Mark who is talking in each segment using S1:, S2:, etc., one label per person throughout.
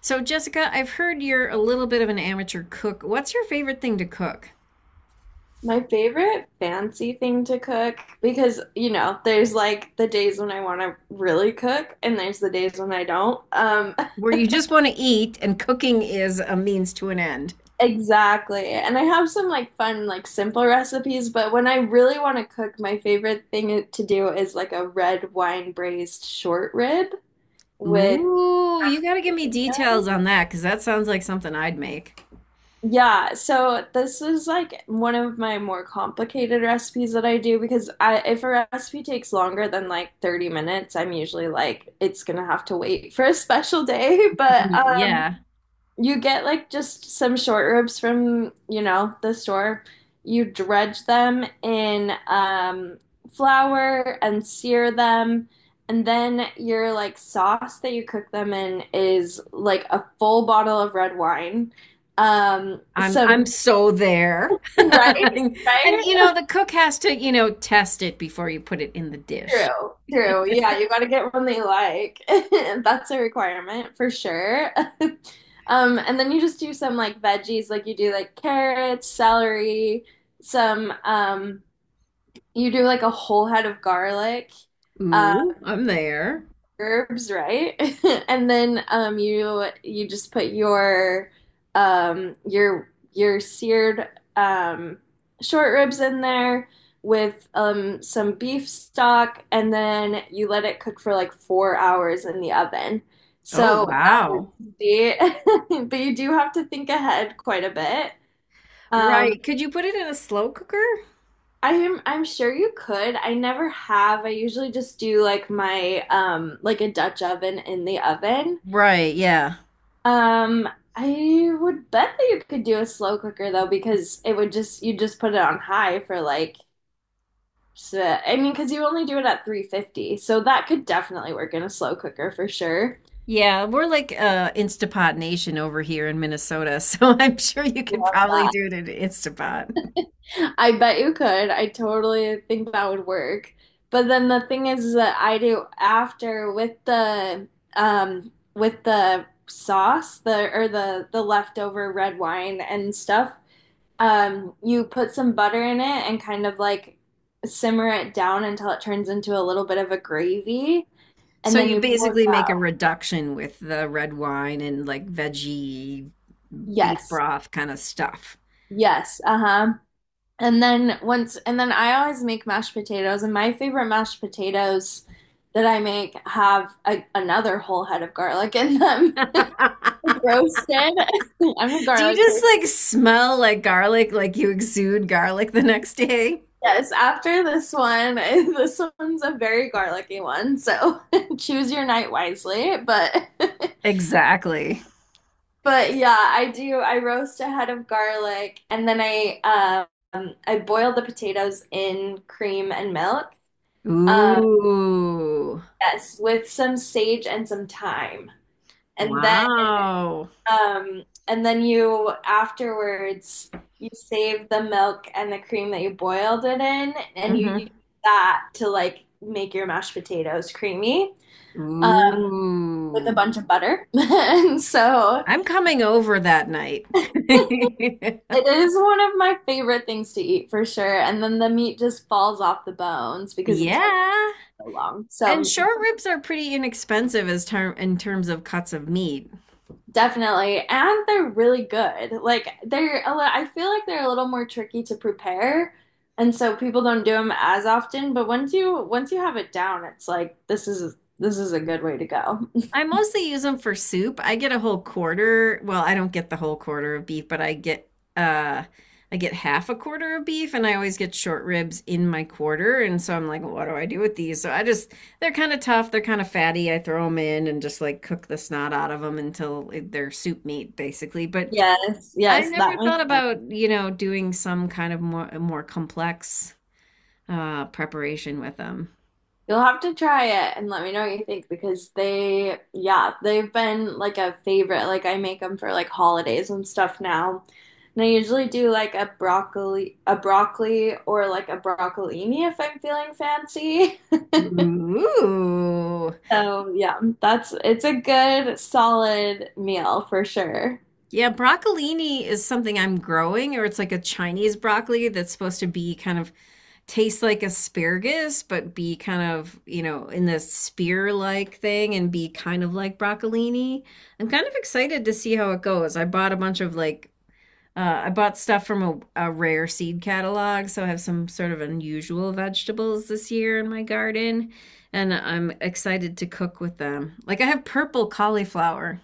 S1: So, Jessica, I've heard you're a little bit of an amateur cook. What's your favorite thing to cook?
S2: My favorite fancy thing to cook, because you know, there's like the days when I want to really cook, and there's the days when I don't.
S1: Where you just want to eat and cooking is a means to an end.
S2: Exactly. And I have some like fun, like simple recipes, but when I really want to cook, my favorite thing to do is like a red wine braised short rib with.
S1: Ooh, you got to give me details on that because that sounds like something I'd make.
S2: Yeah, so this is like one of my more complicated recipes that I do because I if a recipe takes longer than like 30 minutes, I'm usually like it's gonna have to wait for a special day, but
S1: Y-
S2: um
S1: Yeah,
S2: you get like just some short ribs from, you know, the store. You dredge them in flour and sear them. And then your like sauce that you cook them in is like a full bottle of red wine. Um,
S1: I'm
S2: some,
S1: so there.
S2: right?
S1: And
S2: Right?
S1: you know, the cook has to, you know, test it before you put it in the dish.
S2: True. Yeah, you got to get one they like. That's a requirement for sure. And then you just do some like veggies, like you do like carrots, celery, some you do like a whole head of garlic. Uh,
S1: Ooh, I'm there.
S2: herbs, right? And then you you just put your your seared um, short ribs in there with some beef stock, and then you let it cook for like 4 hours in the oven.
S1: Oh,
S2: So that was
S1: wow.
S2: easy, but you do have to think ahead quite a bit. Um,
S1: Right. Could you put it in a slow cooker?
S2: I'm sure you could. I never have. I usually just do like my like a Dutch oven in the oven.
S1: Right, yeah.
S2: Um, I would bet that you could do a slow cooker though, because it would just you just put it on high for like I mean, because you only do it at 350, so that could definitely work in a slow cooker for sure.
S1: Yeah, we're like Instapot Nation over here in Minnesota, so I'm sure you could
S2: Love
S1: probably
S2: that.
S1: do it in Instapot.
S2: I bet you could. I totally think that would work. But then the thing is that I do after with the with the sauce, the or the leftover red wine and stuff. You put some butter in it and kind of like simmer it down until it turns into a little bit of a gravy, and
S1: So
S2: then
S1: you
S2: you pour it
S1: basically make a
S2: out.
S1: reduction with the red wine and like veggie beef
S2: Yes.
S1: broth kind of stuff.
S2: Yes. Uh-huh. And then once and then I always make mashed potatoes, and my favorite mashed potatoes that I make have a, another whole head of garlic in them. Roasted. I'm a
S1: Do you
S2: garlic
S1: just
S2: person.
S1: like smell like garlic, like you exude garlic the next day?
S2: Yes, after this one, this one's a very garlicky one, so choose your night wisely, but
S1: Exactly.
S2: But yeah, I do. I roast a head of garlic and then I boil the potatoes in cream and milk. Um
S1: Ooh.
S2: yes, with some sage and some thyme. And then
S1: Wow.
S2: and then you afterwards you save the milk and the cream that you boiled it in and you use
S1: Hmm.
S2: that to like make your mashed potatoes creamy uh, with a
S1: Ooh.
S2: bunch of butter. And so
S1: I'm coming over that night.
S2: it is one of my favorite things to eat for sure. And then the meat just falls off the bones because it's been
S1: Yeah.
S2: so long.
S1: And
S2: So
S1: short ribs are pretty inexpensive as terms of cuts of meat.
S2: definitely. And they're really good. Like they're a I feel like they're a little more tricky to prepare. And so people don't do them as often, but once you have it down, it's like this is a good way to go.
S1: I mostly use them for soup. I get a whole quarter. Well, I don't get the whole quarter of beef, but uh I get half a quarter of beef and I always get short ribs in my quarter and so I'm like, "Well, what do I do with these? So I just they're kind of tough, they're kind of fatty. I throw them in and just like cook the snot out of them until they're soup meat basically. But
S2: Yes,
S1: I
S2: yes,
S1: never
S2: that
S1: thought
S2: makes sense.
S1: about, you know, doing some kind of more complex preparation with them.
S2: You'll have to try it and let me know what you think because they, yeah, they've been like a favorite. Like I make them for like holidays and stuff now. And I usually do like a broccoli or like a broccolini if I'm feeling fancy.
S1: Ooh.
S2: So yeah, that's it's a good solid meal for sure.
S1: Yeah, broccolini is something I'm growing, or it's like a Chinese broccoli that's supposed to be kind of taste like asparagus, but be kind of, you know, in the spear like thing and be kind of like broccolini. I'm kind of excited to see how it goes. I bought a bunch of like I bought stuff from a rare seed catalog, so I have some sort of unusual vegetables this year in my garden, and I'm excited to cook with them. Like I have purple cauliflower.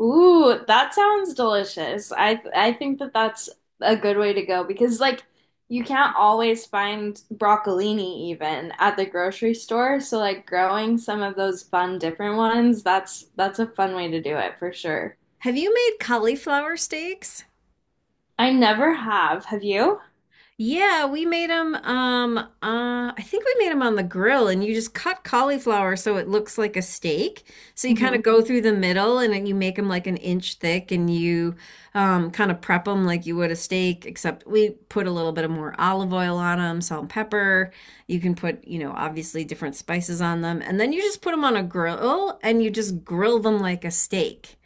S2: Ooh, that sounds delicious. I think that that's a good way to go because like you can't always find broccolini even at the grocery store, so like growing some of those fun different ones, that's a fun way to do it for sure.
S1: Have you made cauliflower steaks?
S2: I never have. Have you?
S1: Yeah, we made them. I think we made them on the grill, and you just cut cauliflower so it looks like a steak. So you kind
S2: Hmm.
S1: of go Mhm. through the middle, and then you make them like an inch thick, and you kind of prep them like you would a steak, except we put a little bit of more olive oil on them, salt and pepper. You can put, you know, obviously different spices on them, and then you just put them on a grill, and you just grill them like a steak,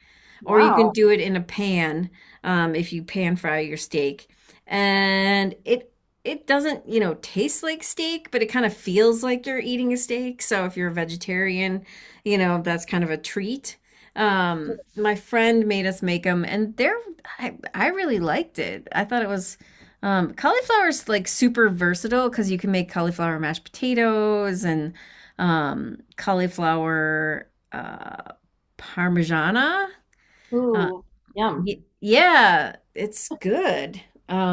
S1: or you can
S2: Wow.
S1: do it in a pan if you pan fry your steak and it doesn't, you know, taste like steak, but it kind of feels like you're eating a steak. So if you're a vegetarian, you know, that's kind of a treat. My friend made us make them, and they're I really liked it. I thought it was cauliflower is like super versatile because you can make cauliflower mashed potatoes and cauliflower parmigiana. Uh,
S2: Ooh, yum.
S1: yeah, it's good.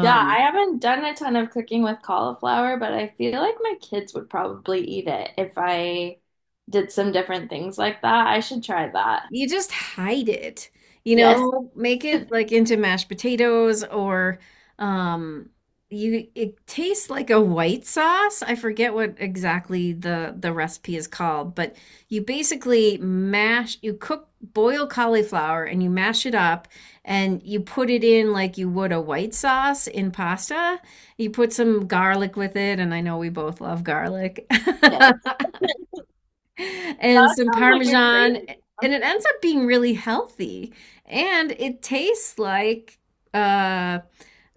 S2: Yeah, I haven't done a ton of cooking with cauliflower, but I feel like my kids would probably eat it if I did some different things like that. I should try that.
S1: You just hide it, you
S2: Yes,
S1: know, make it like into mashed potatoes or um you it tastes like a white sauce. I forget what exactly the recipe is called, but you basically mash you cook boil cauliflower and you mash it up and you put it in like you would a white sauce in pasta. You put some garlic with it and I know we both love garlic.
S2: yes.
S1: And
S2: That
S1: some
S2: sounds like a great
S1: Parmesan, and
S2: idea.
S1: it ends up being really healthy. And it tastes like uh,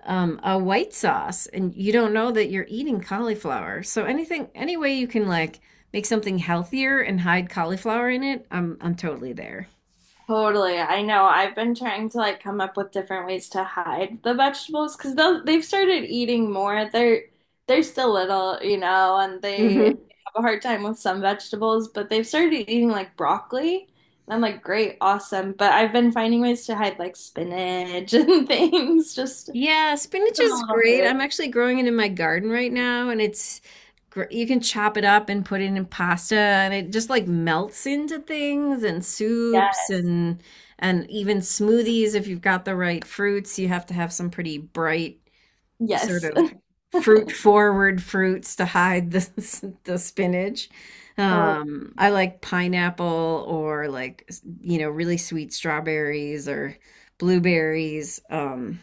S1: a white sauce, and you don't know that you're eating cauliflower. So anything, any way you can like make something healthier and hide cauliflower in it, I'm totally there.
S2: Totally. I know. I've been trying to like come up with different ways to hide the vegetables because they've started eating more. They're still little, you know, and they
S1: Hmm.
S2: have a hard time with some vegetables, but they've started eating like broccoli. And I'm like, great, awesome. But I've been finding ways to hide like spinach and things, just give
S1: Yeah, spinach
S2: them a
S1: is
S2: little
S1: great.
S2: food.
S1: I'm actually growing it in my garden right now, and it's you can chop it up and put it in pasta, and it just like melts into things and soups
S2: Yes.
S1: and even smoothies if you've got the right fruits. You have to have some pretty bright sort
S2: Yes.
S1: of fruit forward fruits to hide the the spinach. I like pineapple or like you know really sweet strawberries or blueberries.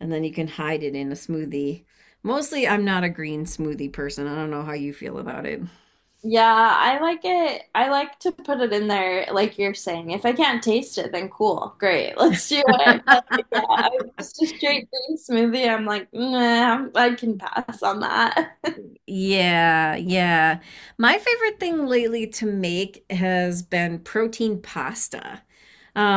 S1: And then you can hide it in a smoothie. Mostly, I'm not a green smoothie person. I don't know how you feel about it.
S2: Yeah, I like it. I like to put it in there, like you're saying. If I can't taste it, then cool, great, let's do it. But yeah, I, just a straight green smoothie. I'm like, nah, I can pass on that.
S1: Yeah, yeah. My favorite thing lately to make has been protein pasta.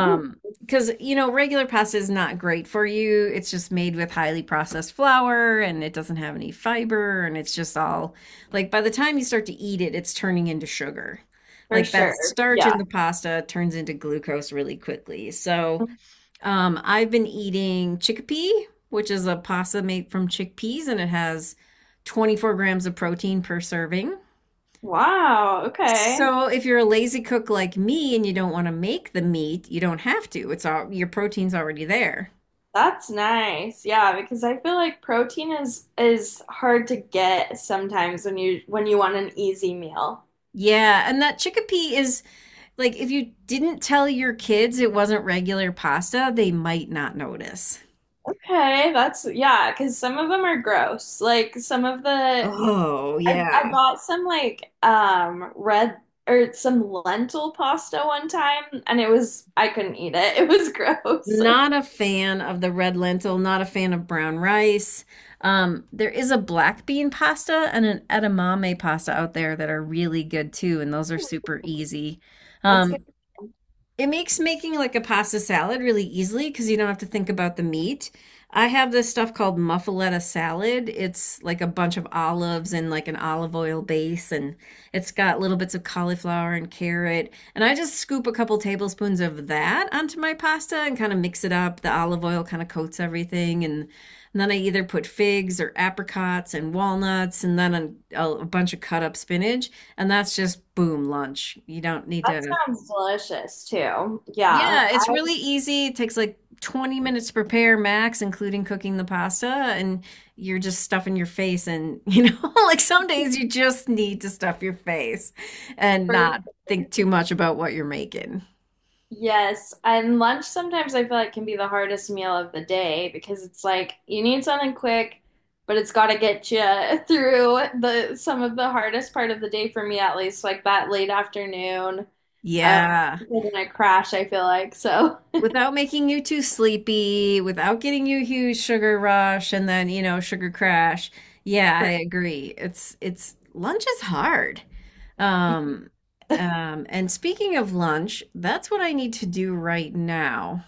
S2: Ooh,
S1: Because you know, regular pasta is not great for you. It's just made with highly processed flour and it doesn't have any fiber and it's just all like by the time you start to eat it, it's turning into sugar.
S2: for
S1: Like that
S2: sure.
S1: starch
S2: Yeah.
S1: in the pasta turns into glucose really quickly. So I've been eating chickpea, which is a pasta made from chickpeas, and it has 24 grams of protein per serving.
S2: Wow, okay.
S1: So if you're a lazy cook like me and you don't want to make the meat, you don't have to. It's all your protein's already there.
S2: That's nice. Yeah, because I feel like protein is hard to get sometimes when you want an easy meal.
S1: Yeah, and that chickpea is like if you didn't tell your kids it wasn't regular pasta, they might not notice.
S2: Okay, that's yeah, because some of them are gross. Like some of the
S1: Oh,
S2: I
S1: yeah.
S2: bought some like red or some lentil pasta one time and it was I couldn't eat it. It was gross.
S1: Not a fan of the red lentil, not a fan of brown rice. There is a black bean pasta and an edamame pasta out there that are really good too, and those are super easy.
S2: That's good.
S1: Um, it makes making like a pasta salad really easily because you don't have to think about the meat. I have this stuff called muffaletta salad. It's like a bunch of olives and like an olive oil base, and it's got little bits of cauliflower and carrot. And I just scoop a couple tablespoons of that onto my pasta and kind of mix it up. The olive oil kind of coats everything, and then I either put figs or apricots and walnuts, and then a bunch of cut up spinach, and that's just boom lunch. You don't need
S2: That
S1: to.
S2: sounds delicious too. Yeah.
S1: Yeah, it's really easy. It takes like 20 minutes to prepare max, including cooking the pasta, and you're just stuffing your face and, you know, like some days you just need to stuff your face and not
S2: For-
S1: think too much about what you're making.
S2: yes. And lunch sometimes I feel like can be the hardest meal of the day because it's like you need something quick, but it's got to get you through the some of the hardest part of the day for me at least, like that late afternoon. Um,
S1: Yeah.
S2: in a crash, I feel like. So,
S1: Without making you too sleepy, without getting you a huge sugar rush and then, you know, sugar crash. Yeah, I
S2: for-
S1: agree. It's lunch is hard. Um, and speaking of lunch, that's what I need to do right now.